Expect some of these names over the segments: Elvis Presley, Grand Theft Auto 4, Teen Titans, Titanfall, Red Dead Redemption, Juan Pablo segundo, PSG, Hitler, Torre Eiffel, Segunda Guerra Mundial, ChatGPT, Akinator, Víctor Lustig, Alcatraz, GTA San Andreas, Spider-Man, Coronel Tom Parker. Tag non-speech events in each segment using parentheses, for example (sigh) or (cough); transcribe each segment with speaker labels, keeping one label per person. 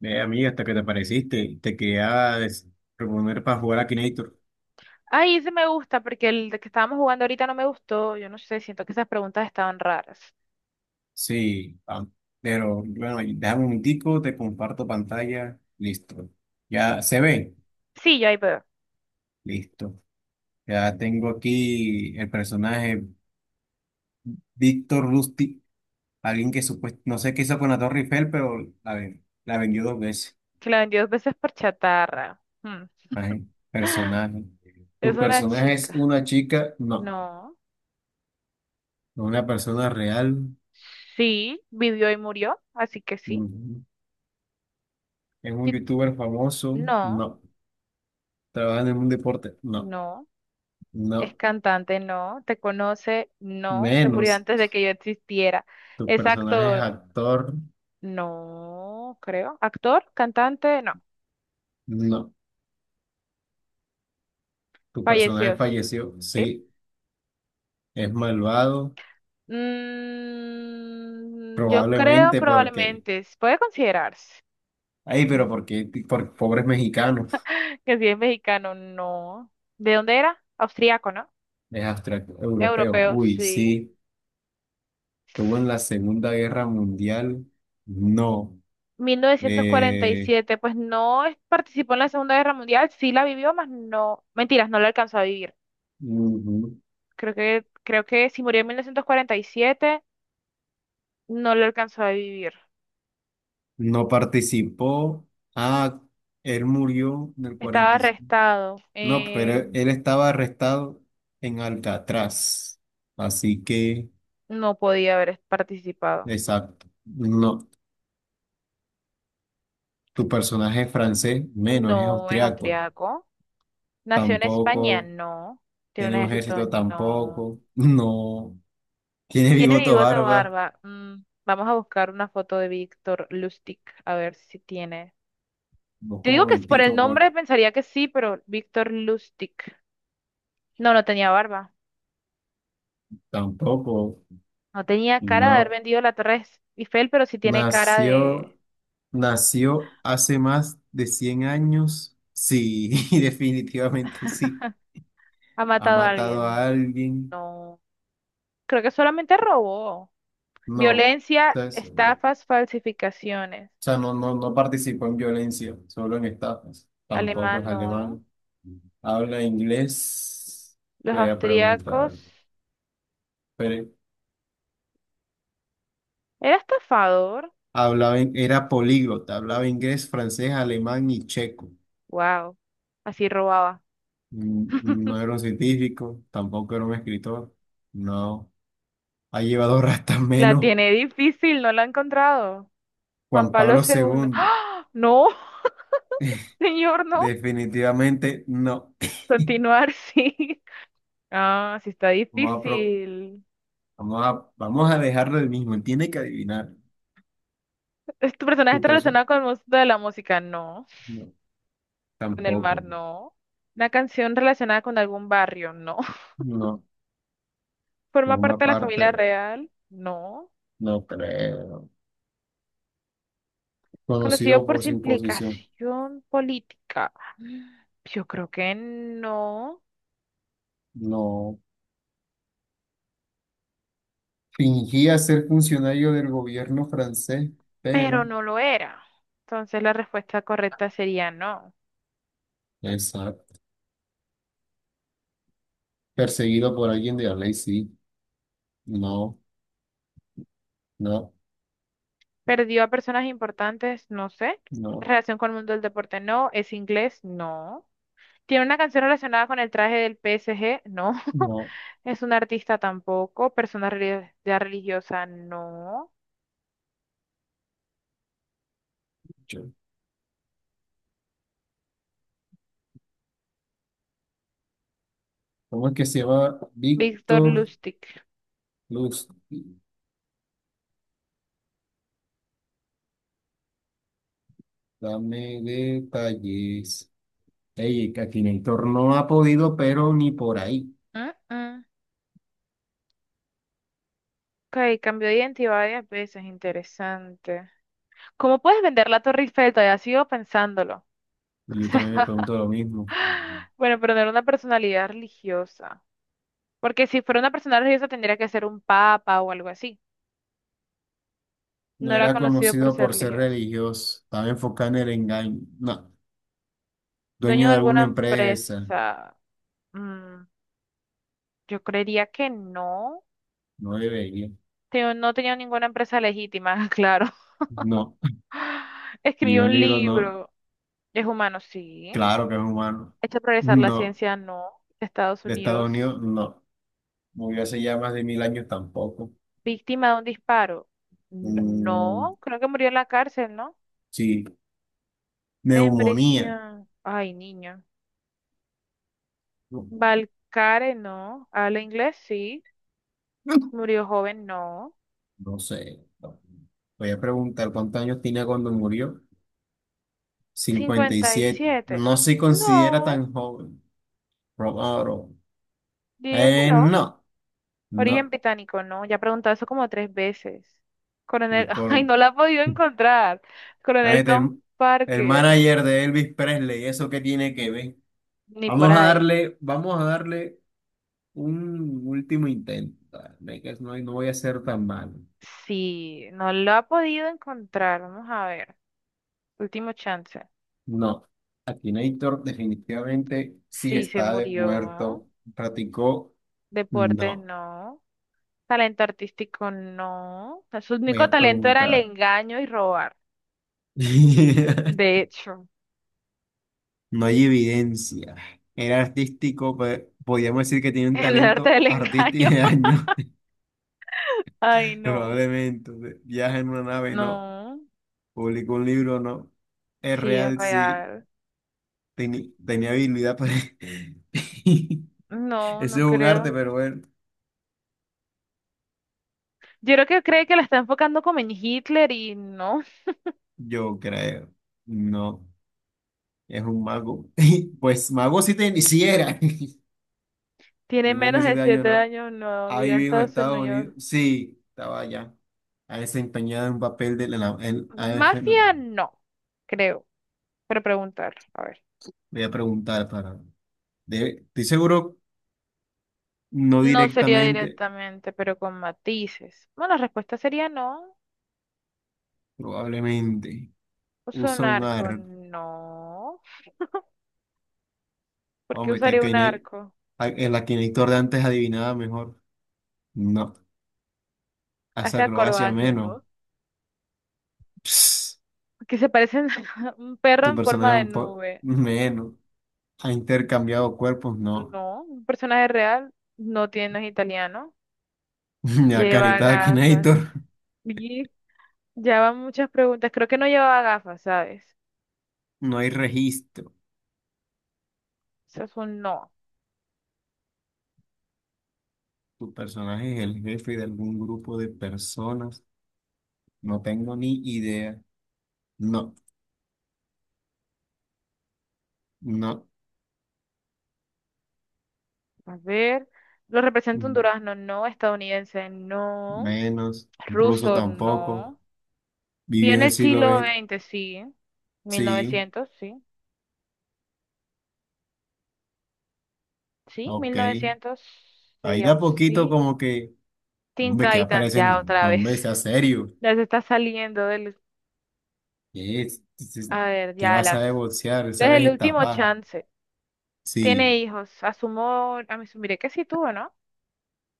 Speaker 1: Amiga, hasta que te apareciste, te quería proponer para jugar a Kinator.
Speaker 2: Ay, ese me gusta porque el de que estábamos jugando ahorita no me gustó. Yo no sé, siento que esas preguntas estaban raras.
Speaker 1: Sí, pero bueno, déjame un minutico, te comparto pantalla, listo. Ya se ve,
Speaker 2: Sí, ya ahí veo.
Speaker 1: listo. Ya tengo aquí el personaje Víctor Rusty, alguien que supuestamente, no sé qué hizo con la Torre Eiffel, pero la vendió dos veces.
Speaker 2: Que la vendió dos veces por chatarra. Hmm.
Speaker 1: Imagínate,
Speaker 2: (gasps)
Speaker 1: personaje. ¿Tu
Speaker 2: Es una
Speaker 1: personaje es
Speaker 2: chica.
Speaker 1: una chica? No.
Speaker 2: No.
Speaker 1: ¿Una persona real?
Speaker 2: Sí, vivió y murió, así que sí.
Speaker 1: Ujú. ¿Es un
Speaker 2: Y-
Speaker 1: youtuber famoso?
Speaker 2: No,
Speaker 1: No. Trabajan en un deporte. No,
Speaker 2: no. Es
Speaker 1: no,
Speaker 2: cantante, no. Te conoce, no. Se murió
Speaker 1: menos.
Speaker 2: antes de que yo existiera.
Speaker 1: Tu
Speaker 2: Es
Speaker 1: personaje es
Speaker 2: actor,
Speaker 1: actor.
Speaker 2: no, creo. Actor, cantante, no.
Speaker 1: No, tu personaje
Speaker 2: Falleció.
Speaker 1: falleció.
Speaker 2: Sí.
Speaker 1: Sí, es malvado.
Speaker 2: Yo creo
Speaker 1: Probablemente porque.
Speaker 2: probablemente, s- puede considerarse.
Speaker 1: Ay, pero
Speaker 2: Ujú.
Speaker 1: porque por pobres mexicanos.
Speaker 2: Que si es mexicano, no. ¿De dónde era? Austriaco, ¿no?
Speaker 1: Es abstracto europeo.
Speaker 2: Europeo,
Speaker 1: Uy,
Speaker 2: sí.
Speaker 1: sí. Estuvo en la Segunda Guerra Mundial. No.
Speaker 2: Mil novecientos cuarenta y
Speaker 1: Eh,
Speaker 2: siete, pues no es- participó en la Segunda Guerra Mundial, sí la vivió, más no, mentiras, no la alcanzó a vivir.
Speaker 1: ujú.
Speaker 2: Creo que si murió en 1947 no lo alcanzó a vivir.
Speaker 1: No participó. Ah, él murió en el
Speaker 2: Estaba
Speaker 1: 40.
Speaker 2: arrestado,
Speaker 1: No, pero él estaba arrestado en Alcatraz. Así que,
Speaker 2: no podía haber participado.
Speaker 1: exacto. No, tu personaje es francés, menos, es
Speaker 2: No es
Speaker 1: austriaco.
Speaker 2: austriaco. ¿Nació en España?
Speaker 1: Tampoco,
Speaker 2: No. ¿Tiene un
Speaker 1: tiene un
Speaker 2: ejército?
Speaker 1: ejército
Speaker 2: No.
Speaker 1: tampoco. (laughs) No, tiene
Speaker 2: ¿Tiene
Speaker 1: bigote
Speaker 2: bigote o
Speaker 1: barba.
Speaker 2: barba? Vamos a buscar una foto de Víctor Lustig, a ver si tiene.
Speaker 1: Vos
Speaker 2: Te
Speaker 1: como
Speaker 2: digo que por el
Speaker 1: mentico, por
Speaker 2: nombre pensaría que sí, pero Víctor Lustig. No, no tenía barba.
Speaker 1: tampoco.
Speaker 2: No tenía cara de haber
Speaker 1: No,
Speaker 2: vendido la Torre Eiffel, pero sí tiene cara de...
Speaker 1: nació, nació hace más de 100 años. Sí, (laughs) definitivamente sí.
Speaker 2: Ha
Speaker 1: Ha
Speaker 2: matado a
Speaker 1: matado a
Speaker 2: alguien.
Speaker 1: alguien.
Speaker 2: No. Creo que solamente robó.
Speaker 1: No.
Speaker 2: Violencia,
Speaker 1: ¿Sabes?
Speaker 2: estafas, falsificaciones.
Speaker 1: O sea, no participó en violencia, solo en estafas. Tampoco
Speaker 2: Alemán,
Speaker 1: es
Speaker 2: no.
Speaker 1: alemán. Habla inglés. Te
Speaker 2: Los
Speaker 1: voy a
Speaker 2: austríacos.
Speaker 1: preguntar. Pero
Speaker 2: Era estafador.
Speaker 1: hablaba, era políglota, hablaba inglés, francés, alemán y checo.
Speaker 2: Wow, así robaba.
Speaker 1: Mm, no era un científico, tampoco era un escritor. No. Ha llevado (laughs) rastas
Speaker 2: La
Speaker 1: menos.
Speaker 2: tiene difícil, no la ha encontrado. Juan
Speaker 1: Juan
Speaker 2: Pablo
Speaker 1: Pablo
Speaker 2: segundo,
Speaker 1: segundo.
Speaker 2: ¡ah! No, (laughs) señor, no.
Speaker 1: Definitivamente no.
Speaker 2: Continuar, (laughs) sí. Ah, sí está
Speaker 1: Vamos a, pro-
Speaker 2: difícil.
Speaker 1: vamos a dejarlo el mismo. Él tiene que adivinar.
Speaker 2: ¿Es ¿Tu personaje
Speaker 1: Tu
Speaker 2: está
Speaker 1: persona.
Speaker 2: relacionado con el mundo de la música? No.
Speaker 1: No,
Speaker 2: ¿Con el mar?
Speaker 1: tampoco.
Speaker 2: No. ¿Una canción relacionada con algún barrio? No. (laughs)
Speaker 1: No,
Speaker 2: ¿Forma
Speaker 1: forma
Speaker 2: parte de la familia
Speaker 1: parte,
Speaker 2: real? No.
Speaker 1: no creo.
Speaker 2: ¿Conocido
Speaker 1: Conocido
Speaker 2: por
Speaker 1: por
Speaker 2: su
Speaker 1: su imposición.
Speaker 2: implicación política? Yo creo que no.
Speaker 1: No. Fingía ser funcionario del gobierno francés,
Speaker 2: Pero
Speaker 1: pero.
Speaker 2: no lo era. Entonces la respuesta correcta sería no.
Speaker 1: Exacto. Perseguido por alguien de la ley, sí. No, no,
Speaker 2: Perdió a personas importantes, no sé.
Speaker 1: no,
Speaker 2: Relación con el mundo del deporte, no. Es inglés, no. Tiene una canción relacionada con el traje del PSG, no. (laughs)
Speaker 1: no.
Speaker 2: Es un artista tampoco. Persona reli- ya religiosa, no.
Speaker 1: Yo- ¿Cómo es que se llama?
Speaker 2: Víctor
Speaker 1: Víctor
Speaker 2: Lustig.
Speaker 1: Luz. Dame detalles. Ey, Akinator no ha podido, pero ni por ahí.
Speaker 2: Mm, mm. Ok, cambió de identidad varias veces, interesante. ¿Cómo puedes vender la Torre Eiffel? Todavía sigo pensándolo.
Speaker 1: Y yo también me pregunto lo mismo.
Speaker 2: Bueno, pero no era una personalidad religiosa. Porque si fuera una persona religiosa tendría que ser un papa o algo así.
Speaker 1: No
Speaker 2: No era
Speaker 1: era
Speaker 2: conocido por
Speaker 1: conocido
Speaker 2: ser
Speaker 1: por ser
Speaker 2: religioso.
Speaker 1: religioso, estaba enfocado en el engaño. No,
Speaker 2: Dueño
Speaker 1: dueño
Speaker 2: de
Speaker 1: de
Speaker 2: alguna
Speaker 1: alguna empresa,
Speaker 2: empresa. mm, yo creería que no.
Speaker 1: no debería.
Speaker 2: No tenía ninguna empresa legítima, (laughs) claro.
Speaker 1: No, y
Speaker 2: Escribió
Speaker 1: un
Speaker 2: un
Speaker 1: libro no,
Speaker 2: libro. Es humano, sí.
Speaker 1: claro que es humano.
Speaker 2: Hecho progresar la
Speaker 1: No,
Speaker 2: ciencia, no. Estados
Speaker 1: de Estados
Speaker 2: Unidos.
Speaker 1: Unidos, no. Murió hace ya más de mil años tampoco.
Speaker 2: Víctima de un disparo.
Speaker 1: Mm,
Speaker 2: No. Creo que murió en la cárcel, ¿no?
Speaker 1: sí,
Speaker 2: En
Speaker 1: neumonía.
Speaker 2: prisión. Ay, niño.
Speaker 1: No,
Speaker 2: Balcare, no. Habla inglés, sí. Murió joven, no.
Speaker 1: no sé. No. Voy a preguntar cuántos años tenía cuando murió. Cincuenta y
Speaker 2: cincuenta y
Speaker 1: siete.
Speaker 2: siete
Speaker 1: No se considera
Speaker 2: No,
Speaker 1: tan joven. Probado.
Speaker 2: diría que no.
Speaker 1: No,
Speaker 2: Origen
Speaker 1: no.
Speaker 2: británico, no. Ya he preguntado eso como 3 veces. Coronel,
Speaker 1: El
Speaker 2: (laughs) ay,
Speaker 1: colon.
Speaker 2: no la he podido encontrar.
Speaker 1: Ah,
Speaker 2: Coronel Tom
Speaker 1: El
Speaker 2: Parker,
Speaker 1: manager de Elvis Presley, ¿eso qué tiene que ver?
Speaker 2: ni por ahí.
Speaker 1: Vamos a darle un último intento. Dale, que no, no voy a ser tan malo.
Speaker 2: Sí, no lo ha podido encontrar. Vamos a ver. Último chance.
Speaker 1: No, Akinator definitivamente sí
Speaker 2: Sí, se
Speaker 1: está de
Speaker 2: murió.
Speaker 1: muerto. Practicó,
Speaker 2: Deportes,
Speaker 1: no.
Speaker 2: no. Talento artístico, no. Su
Speaker 1: Me voy
Speaker 2: único
Speaker 1: a
Speaker 2: talento era el
Speaker 1: preguntar.
Speaker 2: engaño y robar.
Speaker 1: (laughs)
Speaker 2: De hecho.
Speaker 1: No hay evidencia. Era artístico, podríamos decir que tiene
Speaker 2: (laughs)
Speaker 1: un
Speaker 2: El arte
Speaker 1: talento
Speaker 2: del
Speaker 1: artístico
Speaker 2: engaño.
Speaker 1: de
Speaker 2: (laughs)
Speaker 1: año,
Speaker 2: Ay,
Speaker 1: (laughs)
Speaker 2: no.
Speaker 1: probablemente. Viaja en una nave, no.
Speaker 2: No.
Speaker 1: Publicó un libro, ¿no? Es
Speaker 2: Sí, es
Speaker 1: real, sí.
Speaker 2: real.
Speaker 1: Tenía habilidad para... (laughs)
Speaker 2: No,
Speaker 1: Eso
Speaker 2: no
Speaker 1: es un arte,
Speaker 2: creo.
Speaker 1: pero bueno,
Speaker 2: Yo creo que cree que la está enfocando como en Hitler y no.
Speaker 1: yo creo. No, es un mago. (laughs) Pues mago sí, sí era. (laughs)
Speaker 2: (laughs) Tiene
Speaker 1: De menos de
Speaker 2: menos de
Speaker 1: siete años,
Speaker 2: siete
Speaker 1: ¿no?
Speaker 2: años, no.
Speaker 1: Ha
Speaker 2: Vive en
Speaker 1: vivido en
Speaker 2: Estados
Speaker 1: Estados
Speaker 2: Unidos.
Speaker 1: Unidos. Sí, estaba allá. Ha desempeñado un papel de la... a ver, no,
Speaker 2: Mafia, no. Creo. Pero preguntar. A ver.
Speaker 1: voy a preguntar para... estoy seguro, no
Speaker 2: No sería
Speaker 1: directamente,
Speaker 2: directamente, pero con matices. Bueno, la respuesta sería no.
Speaker 1: probablemente.
Speaker 2: Uso un
Speaker 1: Usa un
Speaker 2: arco,
Speaker 1: arco.
Speaker 2: no. ¿Por qué
Speaker 1: Hombre, está
Speaker 2: usaría un
Speaker 1: que no hay.
Speaker 2: arco?
Speaker 1: El Akinator de antes adivinaba mejor. No. Haz
Speaker 2: Hace
Speaker 1: acrobacia
Speaker 2: acrobacia,
Speaker 1: menos.
Speaker 2: ¿no?
Speaker 1: Ps,
Speaker 2: Que se parecen (laughs) un perro
Speaker 1: tu
Speaker 2: en forma
Speaker 1: personaje
Speaker 2: de
Speaker 1: un poco
Speaker 2: nube.
Speaker 1: menos. Ha intercambiado cuerpos, no.
Speaker 2: No, un personaje real no tiene, no es italiano.
Speaker 1: (laughs) La
Speaker 2: Lleva
Speaker 1: carita de
Speaker 2: gafas.
Speaker 1: Akinator.
Speaker 2: Y ya van muchas preguntas. Creo que no llevaba gafas, ¿sabes?
Speaker 1: No hay registro.
Speaker 2: Eso es un no.
Speaker 1: Tu personaje es el jefe de algún grupo de personas. No tengo ni idea. No, no.
Speaker 2: A ver. ¿Lo representa un
Speaker 1: Mm,
Speaker 2: durazno? No. Estadounidense, no.
Speaker 1: menos. Ruso
Speaker 2: Ruso,
Speaker 1: tampoco.
Speaker 2: no. Vio
Speaker 1: Vivió en
Speaker 2: en
Speaker 1: el
Speaker 2: el
Speaker 1: siglo
Speaker 2: siglo
Speaker 1: XX.
Speaker 2: XX, sí.
Speaker 1: Sí,
Speaker 2: 1900, sí. Sí,
Speaker 1: ok.
Speaker 2: 1900
Speaker 1: Ahí
Speaker 2: sería
Speaker 1: da
Speaker 2: un
Speaker 1: poquito
Speaker 2: sí.
Speaker 1: como que. "No,
Speaker 2: Teen
Speaker 1: hombre, que
Speaker 2: Titans, ya
Speaker 1: aparecen.
Speaker 2: otra
Speaker 1: No, hombre,
Speaker 2: vez.
Speaker 1: sea
Speaker 2: (laughs)
Speaker 1: serio.
Speaker 2: Ya se está saliendo del.
Speaker 1: ¿Qué es? Dices,
Speaker 2: A ver,
Speaker 1: ¿qué
Speaker 2: ya
Speaker 1: vas a
Speaker 2: las.
Speaker 1: negociar?
Speaker 2: Desde
Speaker 1: ¿Sabes
Speaker 2: el último
Speaker 1: estafar?
Speaker 2: chance. Tiene
Speaker 1: Sí,
Speaker 2: hijos. Asumo, a mí asumiré que sí tuvo, ¿no?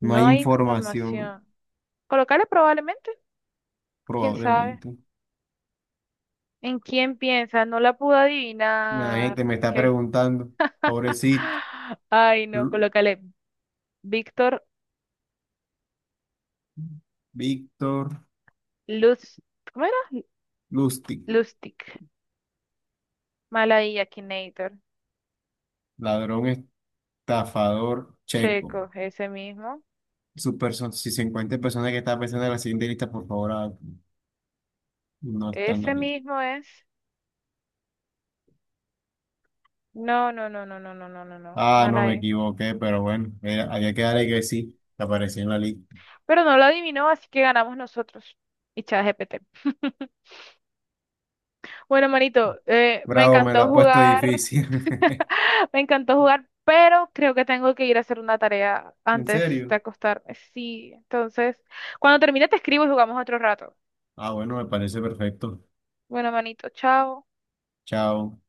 Speaker 1: no
Speaker 2: No
Speaker 1: hay
Speaker 2: hay
Speaker 1: información,
Speaker 2: información. Colocarle probablemente, quién sabe.
Speaker 1: probablemente.
Speaker 2: ¿En quién piensa? No la pude
Speaker 1: La
Speaker 2: adivinar.
Speaker 1: gente me
Speaker 2: Ok.
Speaker 1: está preguntando, pobrecito,
Speaker 2: (gasps) Ay, no,
Speaker 1: Lu-
Speaker 2: colócale Víctor
Speaker 1: Víctor
Speaker 2: Luz. ¿Cómo era?
Speaker 1: Lustig,
Speaker 2: Lustig. Malaya Akinator.
Speaker 1: ladrón estafador checo.
Speaker 2: Checo, ese mismo.
Speaker 1: Si se encuentra persona que está pensando en la siguiente lista, por favor, no está en la
Speaker 2: Ese
Speaker 1: lista.
Speaker 2: mismo es. No, no, no, no, no, no, no, no, no.
Speaker 1: Ah, no me
Speaker 2: Malay.
Speaker 1: equivoqué, pero bueno, había que darle que sí, que apareció en la lista.
Speaker 2: Pero no lo adivinó, así que ganamos nosotros. Y ChatGPT. Bueno, manito, me
Speaker 1: Bravo, me la
Speaker 2: encantó
Speaker 1: ha puesto
Speaker 2: jugar,
Speaker 1: difícil.
Speaker 2: (gasps)
Speaker 1: (laughs)
Speaker 2: (laughs) me encantó jugar, pero creo que tengo que ir a hacer una tarea
Speaker 1: ¿En
Speaker 2: antes de
Speaker 1: serio?
Speaker 2: acostarme. Sí, entonces, cuando termine te escribo y jugamos otro rato.
Speaker 1: Ah, bueno, me parece perfecto.
Speaker 2: Bueno, manito, chao.
Speaker 1: Chao.